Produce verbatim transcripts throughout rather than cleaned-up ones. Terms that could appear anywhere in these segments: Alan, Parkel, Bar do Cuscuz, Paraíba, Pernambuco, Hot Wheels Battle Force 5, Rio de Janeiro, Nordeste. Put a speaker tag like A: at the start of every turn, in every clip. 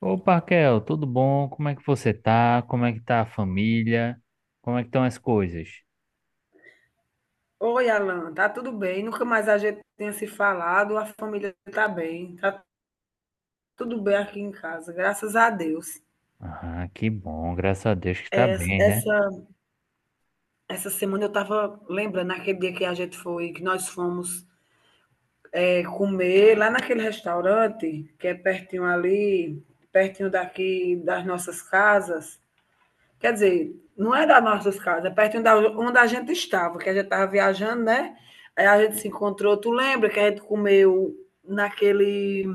A: Ô, Parkel, tudo bom? Como é que você tá? Como é que tá a família? Como é que estão as coisas?
B: Oi, Alan, tá tudo bem? Nunca mais a gente tenha se falado, a família tá bem, tá tudo bem aqui em casa, graças a Deus.
A: Ah, que bom, graças a Deus que tá
B: É.
A: bem, né?
B: Essa, essa semana eu tava lembrando aquele dia que a gente foi, que nós fomos é, comer lá naquele restaurante que é pertinho ali, pertinho daqui das nossas casas. Quer dizer, não é das nossas casas, é pertinho da onde a gente estava, que a gente estava viajando, né? Aí a gente se encontrou, tu lembra que a gente comeu naquele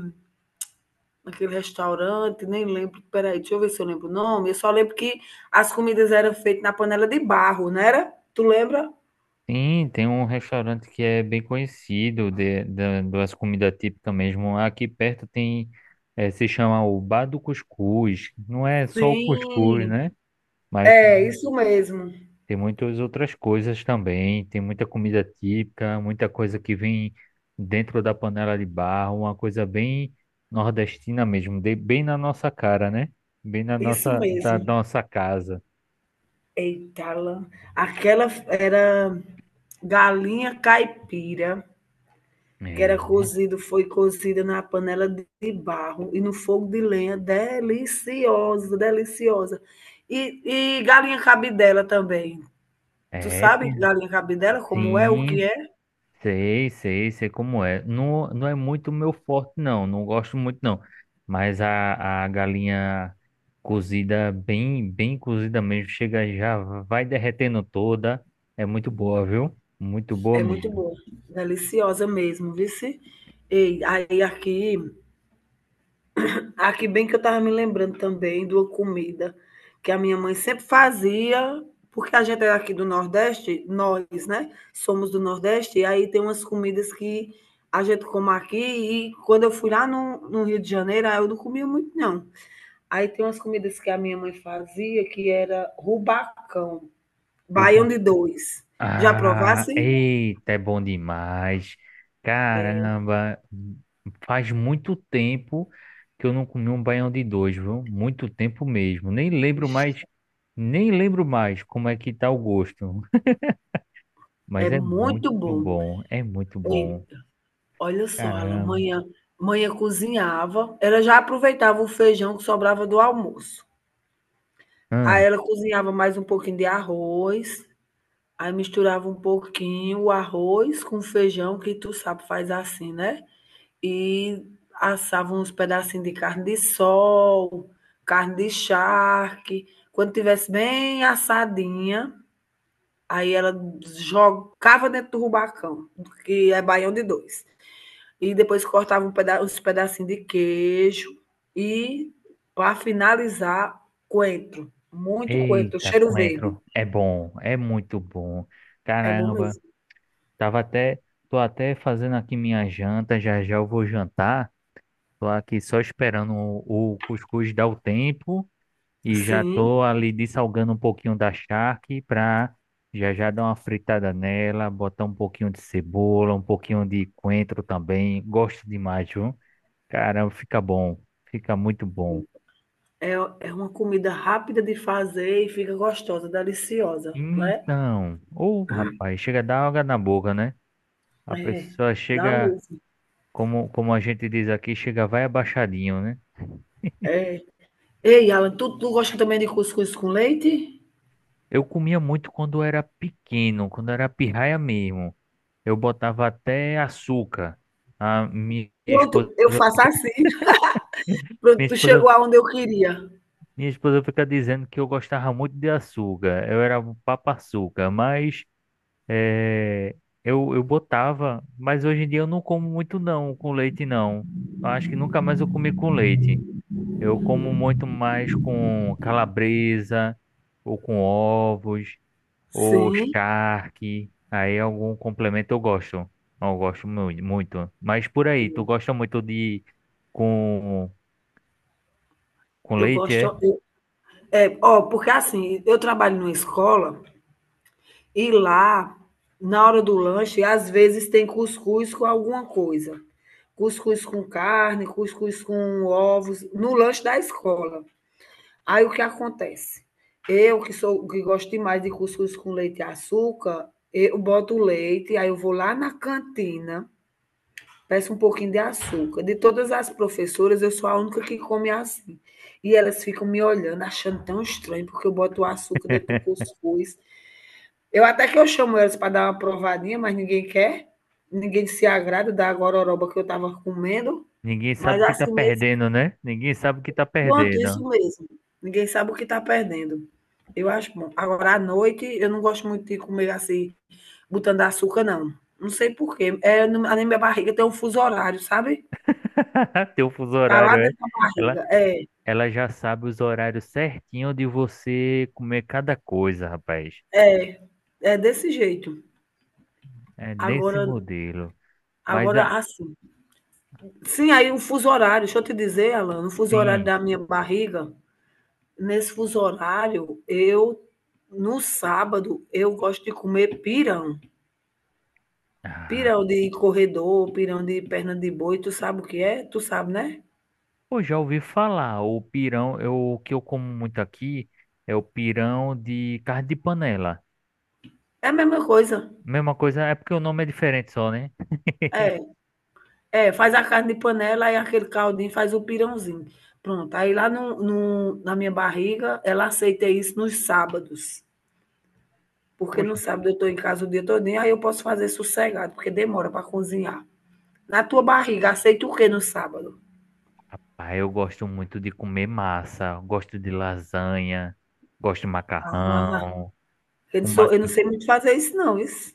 B: naquele restaurante, nem lembro. Peraí, deixa eu ver se eu lembro o nome. Eu só lembro que as comidas eram feitas na panela de barro, não era? Tu lembra?
A: Sim, tem um restaurante que é bem conhecido de, da- das comidas típicas mesmo. Aqui perto tem, eh, se chama o Bar do Cuscuz. Não é só o cuscuz, né?
B: Sim.
A: Mas
B: É, isso mesmo.
A: tem muitas outras coisas também, tem muita comida típica, muita coisa que vem dentro da panela de barro, uma coisa bem nordestina mesmo, de- bem na nossa cara, né? Bem na
B: Isso
A: nossa, da
B: mesmo.
A: nossa casa.
B: Eita, lã. Aquela era galinha caipira, que era
A: É,
B: cozido, foi cozida na panela de de barro e no fogo de lenha, deliciosa, deliciosa. E, e galinha cabidela também. Tu
A: é,
B: sabe
A: tia.
B: galinha cabidela como é, o
A: Sim,
B: que é?
A: sei, sei, sei como é. Não, não é muito meu forte, não. Não gosto muito, não. Mas a, a galinha cozida, bem, bem cozida mesmo, chega já, vai derretendo toda. É muito boa, viu? Muito boa
B: É muito
A: mesmo.
B: boa, deliciosa mesmo, vice. E aí aqui, aqui bem que eu estava me lembrando também de uma comida que a minha mãe sempre fazia, porque a gente é aqui do Nordeste, nós, né? Somos do Nordeste, e aí tem umas comidas que a gente come aqui, e quando eu fui lá no, no Rio de Janeiro, aí eu não comia muito, não. Aí tem umas comidas que a minha mãe fazia, que era rubacão, baião de
A: Opa.
B: dois. Já
A: Ah,
B: provassem?
A: eita, é bom demais.
B: É,
A: Caramba, faz muito tempo que eu não comi um baião de dois, viu? Muito tempo mesmo. Nem lembro mais,
B: ixi.
A: nem lembro mais como é que tá o gosto.
B: É
A: Mas é
B: muito
A: muito
B: bom.
A: bom, é muito
B: E
A: bom.
B: olha só, Alan,
A: Caramba.
B: manhã, manhã cozinhava, ela já aproveitava o feijão que sobrava do almoço. Aí
A: Hum,
B: ela cozinhava mais um pouquinho de arroz, aí misturava um pouquinho o arroz com feijão, que tu sabe, faz assim, né? E assava uns pedacinhos de carne de sol, carne de charque. Quando tivesse bem assadinha, aí ela jogava dentro do rubacão, que é baião de dois. E depois cortava um peda os pedacinhos de queijo. E para finalizar, coentro. Muito coentro,
A: eita,
B: cheiro verde.
A: coentro, é bom, é muito bom.
B: É bom
A: Caramba,
B: mesmo.
A: tava até, tô até fazendo aqui minha janta, já já eu vou jantar. Tô aqui só esperando o, o cuscuz dar o tempo e já
B: Sim,
A: tô ali dessalgando um pouquinho da charque pra já já dar uma fritada nela, botar um pouquinho de cebola, um pouquinho de coentro também. Gosto demais, viu? Caramba, fica bom, fica muito bom.
B: é, é uma comida rápida de fazer e fica gostosa, deliciosa, né?
A: Então, ou rapaz, chega a dar água na boca, né? A
B: É,
A: pessoa
B: dá
A: chega,
B: mesmo.
A: como, como a gente diz aqui, chega vai abaixadinho, né?
B: É. Ei, Alan, tu, tu gosta também de cuscuz com leite?
A: Eu comia muito quando era pequeno, quando era pirraia mesmo. Eu botava até açúcar. A minha esposa
B: Pronto, eu faço
A: fica,
B: assim. Pronto,
A: minha
B: tu
A: esposa,
B: chegou aonde eu queria.
A: minha esposa fica dizendo que eu gostava muito de açúcar. Eu era um papa-açúcar, mas eh, eu, eu botava, mas hoje em dia eu não como muito não, com leite não. Acho que nunca mais eu comi com leite. Eu como muito mais com calabresa, ou com ovos, ou
B: Sim,
A: charque. Aí algum complemento eu gosto. Eu gosto mui- muito. Mas por aí, tu gosta muito de com, com
B: eu
A: leite,
B: gosto.
A: é?
B: eu- É, ó, porque assim, eu trabalho numa escola. E lá, na hora do lanche, às vezes tem cuscuz com alguma coisa. Cuscuz com carne, cuscuz com ovos, no lanche da escola. Aí o que acontece? Eu, que sou que gosto demais de cuscuz com leite e açúcar, eu boto o leite, aí eu vou lá na cantina, peço um pouquinho de açúcar. De todas as professoras, eu sou a única que come assim. E elas ficam me olhando, achando tão estranho, porque eu boto o açúcar dentro do cuscuz. Eu até que eu chamo eles para dar uma provadinha, mas ninguém quer. Ninguém se agrada da gororoba que eu estava comendo.
A: Ninguém
B: Mas
A: sabe o que tá
B: assim mesmo,
A: perdendo, né? Ninguém sabe o que tá
B: pronto,
A: perdendo.
B: isso mesmo. Ninguém sabe o que está perdendo. Eu acho bom. Agora, à noite, eu não gosto muito de comer assim, botando açúcar, não. Não sei por quê. É, no- na minha barriga tem um fuso horário, sabe?
A: Teu fuso
B: Tá
A: horário,
B: lá
A: é?
B: dentro da
A: Ela,
B: barriga. É,
A: ela já sabe os horários certinho de você comer cada coisa, rapaz.
B: é, é desse jeito.
A: É nesse
B: Agora,
A: modelo. Mas, a
B: agora assim. Sim, aí o fuso horário, deixa eu te dizer, Alan, o fuso horário
A: sim.
B: da minha barriga, nesse fuso horário, eu no sábado eu gosto de comer pirão.
A: Ah,
B: Pirão de corredor, pirão de perna de boi, tu sabe o que é? Tu sabe, né?
A: pô, já ouvi falar. O pirão, eu, o que eu como muito aqui é o pirão de carne de panela.
B: É a mesma coisa.
A: Mesma coisa, é porque o nome é diferente só, né?
B: É, é, faz a carne de panela e aquele caldinho faz o pirãozinho. Pronto. Aí lá no, no- na minha barriga, ela aceita isso nos sábados. Porque no
A: Oxi.
B: sábado eu estou em casa o dia todinho, aí eu posso fazer sossegado, porque demora para cozinhar. Na tua barriga, aceita o quê no sábado?
A: Ah, eu gosto muito de comer massa, gosto de lasanha, gosto de macarrão.
B: Eu não,
A: O ma-
B: sou, eu não sei muito fazer isso, não. Isso.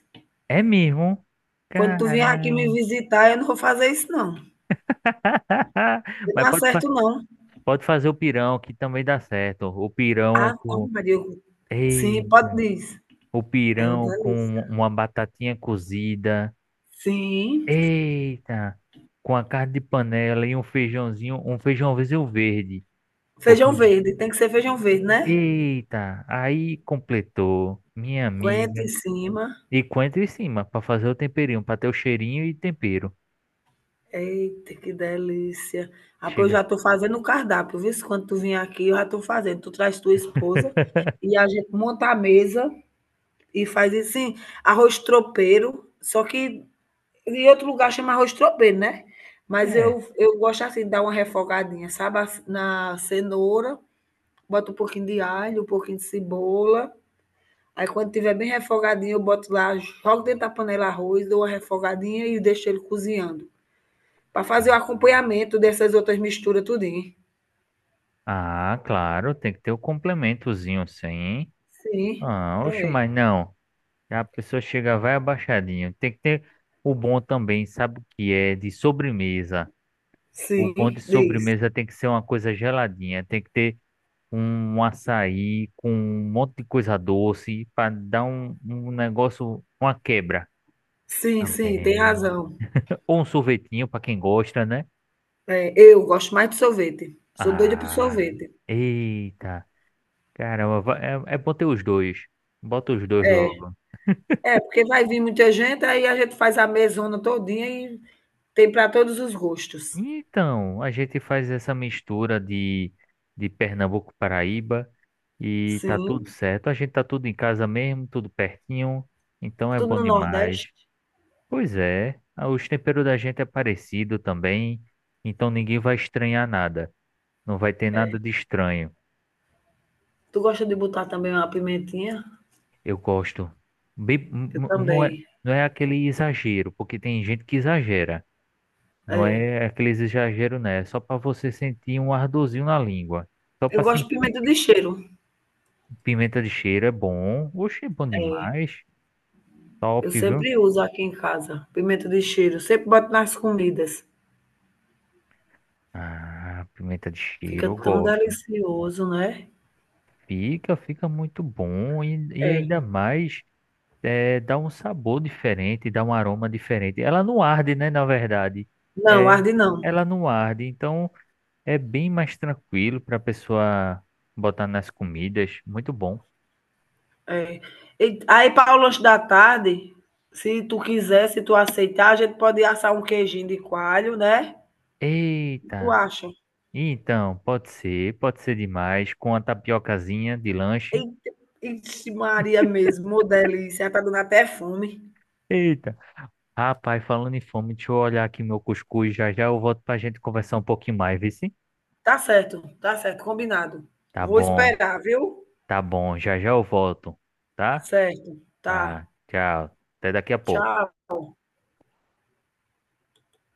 A: É mesmo?
B: Quando tu vier aqui me
A: Caramba!
B: visitar, eu não vou fazer isso, não. Eu não
A: Mas pode, fa-
B: acerto, não.
A: pode fazer o pirão, que também dá certo. O pirão
B: Ah, ah,
A: com.
B: Maria. Sim,
A: Ei,
B: pode dizer.
A: o
B: É o
A: pirão
B: delícia.
A: com uma batatinha cozida.
B: Sim.
A: Eita, com a carne de panela e um feijãozinho, um feijãozinho verde. Ou
B: Feijão
A: fe-
B: verde, tem que ser feijão verde, né?
A: eita, aí completou, minha
B: Aguenta em
A: amiga.
B: cima.
A: E coentro em cima, para fazer o temperinho, para ter o cheirinho e tempero.
B: Eita, que delícia. Ah, pô, eu já
A: Chega.
B: estou fazendo o cardápio, viu? Quando tu vier aqui, eu já estou fazendo. Tu traz tua esposa e a gente monta a mesa e faz assim, arroz tropeiro, só que... E outro lugar chama arroz tropeiro, né? Mas
A: É.
B: eu, eu gosto assim, de dar uma refogadinha, sabe? As- Na cenoura, boto um pouquinho de alho, um pouquinho de cebola. Aí quando tiver bem refogadinho, eu boto lá, jogo dentro da panela arroz, dou uma refogadinha e deixo ele cozinhando. Para fazer o acompanhamento dessas outras misturas tudinho.
A: Ah, claro, tem que ter o complementozinho, sim.
B: Sim,
A: Ah, oxe,
B: é.
A: mas não. A pessoa chega, vai abaixadinho. Tem que ter o bom também, sabe o que é? De sobremesa. O
B: Sim,
A: bom de
B: diz.
A: sobremesa tem que ser uma coisa geladinha. Tem que ter um açaí, com um monte de coisa doce, para dar um, um negócio, uma quebra
B: Sim, sim, tem
A: também.
B: razão.
A: Ou um sorvetinho para quem gosta, né?
B: É, eu gosto mais de sorvete. Sou doida por
A: Ah,
B: sorvete.
A: eita, caramba, va- é, é bom ter os dois. Bota os dois logo.
B: É, porque vai vir muita gente, aí a gente faz a mesona todinha e tem para todos os gostos.
A: Então, a gente faz essa mistura de, de Pernambuco, Paraíba e tá tudo
B: Sim,
A: certo. A gente tá tudo em casa mesmo, tudo pertinho, então é
B: tudo
A: bom
B: no
A: demais.
B: Nordeste.
A: Pois é, ah, os temperos da gente é parecido também, então ninguém vai estranhar nada. Não vai ter nada de estranho.
B: Tu gosta de botar também uma pimentinha?
A: Eu gosto. Bem- m-
B: Eu
A: m- não é,
B: também.
A: não é aquele exagero, porque tem gente que exagera. Não
B: É.
A: é aquele exagero, né? É só para você sentir um ardorzinho na língua. Só
B: Eu
A: para
B: gosto
A: sentir
B: de pimenta de cheiro.
A: pimenta de cheiro é bom. Oxe, é bom
B: É.
A: demais.
B: Eu
A: Top, viu?
B: sempre uso aqui em casa, pimenta de cheiro. Sempre boto nas comidas.
A: Ah, pimenta de cheiro,
B: Fica
A: eu
B: tão
A: gosto.
B: delicioso, né?
A: Fica, fica muito bom e, e
B: É.
A: ainda mais. É, dá um sabor diferente, dá um aroma diferente. Ela não arde, né, na verdade.
B: Não,
A: É,
B: arde não.
A: ela não arde, então é bem mais tranquilo para a pessoa botar nas comidas. Muito bom.
B: É. E aí, para o lanche da tarde, se tu quiser, se tu aceitar, a gente pode assar um queijinho de coalho, né? Tu
A: Eita.
B: acha?
A: Então, pode ser, pode ser demais com a tapiocazinha de lanche.
B: Eita, ixi, Maria mesmo, ô delícia, tá dando até fome.
A: Eita. Rapaz, falando em fome, deixa eu olhar aqui meu cuscuz, já já eu volto pra gente conversar um pouquinho mais, viu? Sim?
B: Tá certo, tá certo, combinado.
A: Tá
B: Vou
A: bom,
B: esperar, viu?
A: tá bom, já já eu volto, tá?
B: Certo, tá.
A: Tá. Tchau. Até daqui a pouco.
B: Tchau.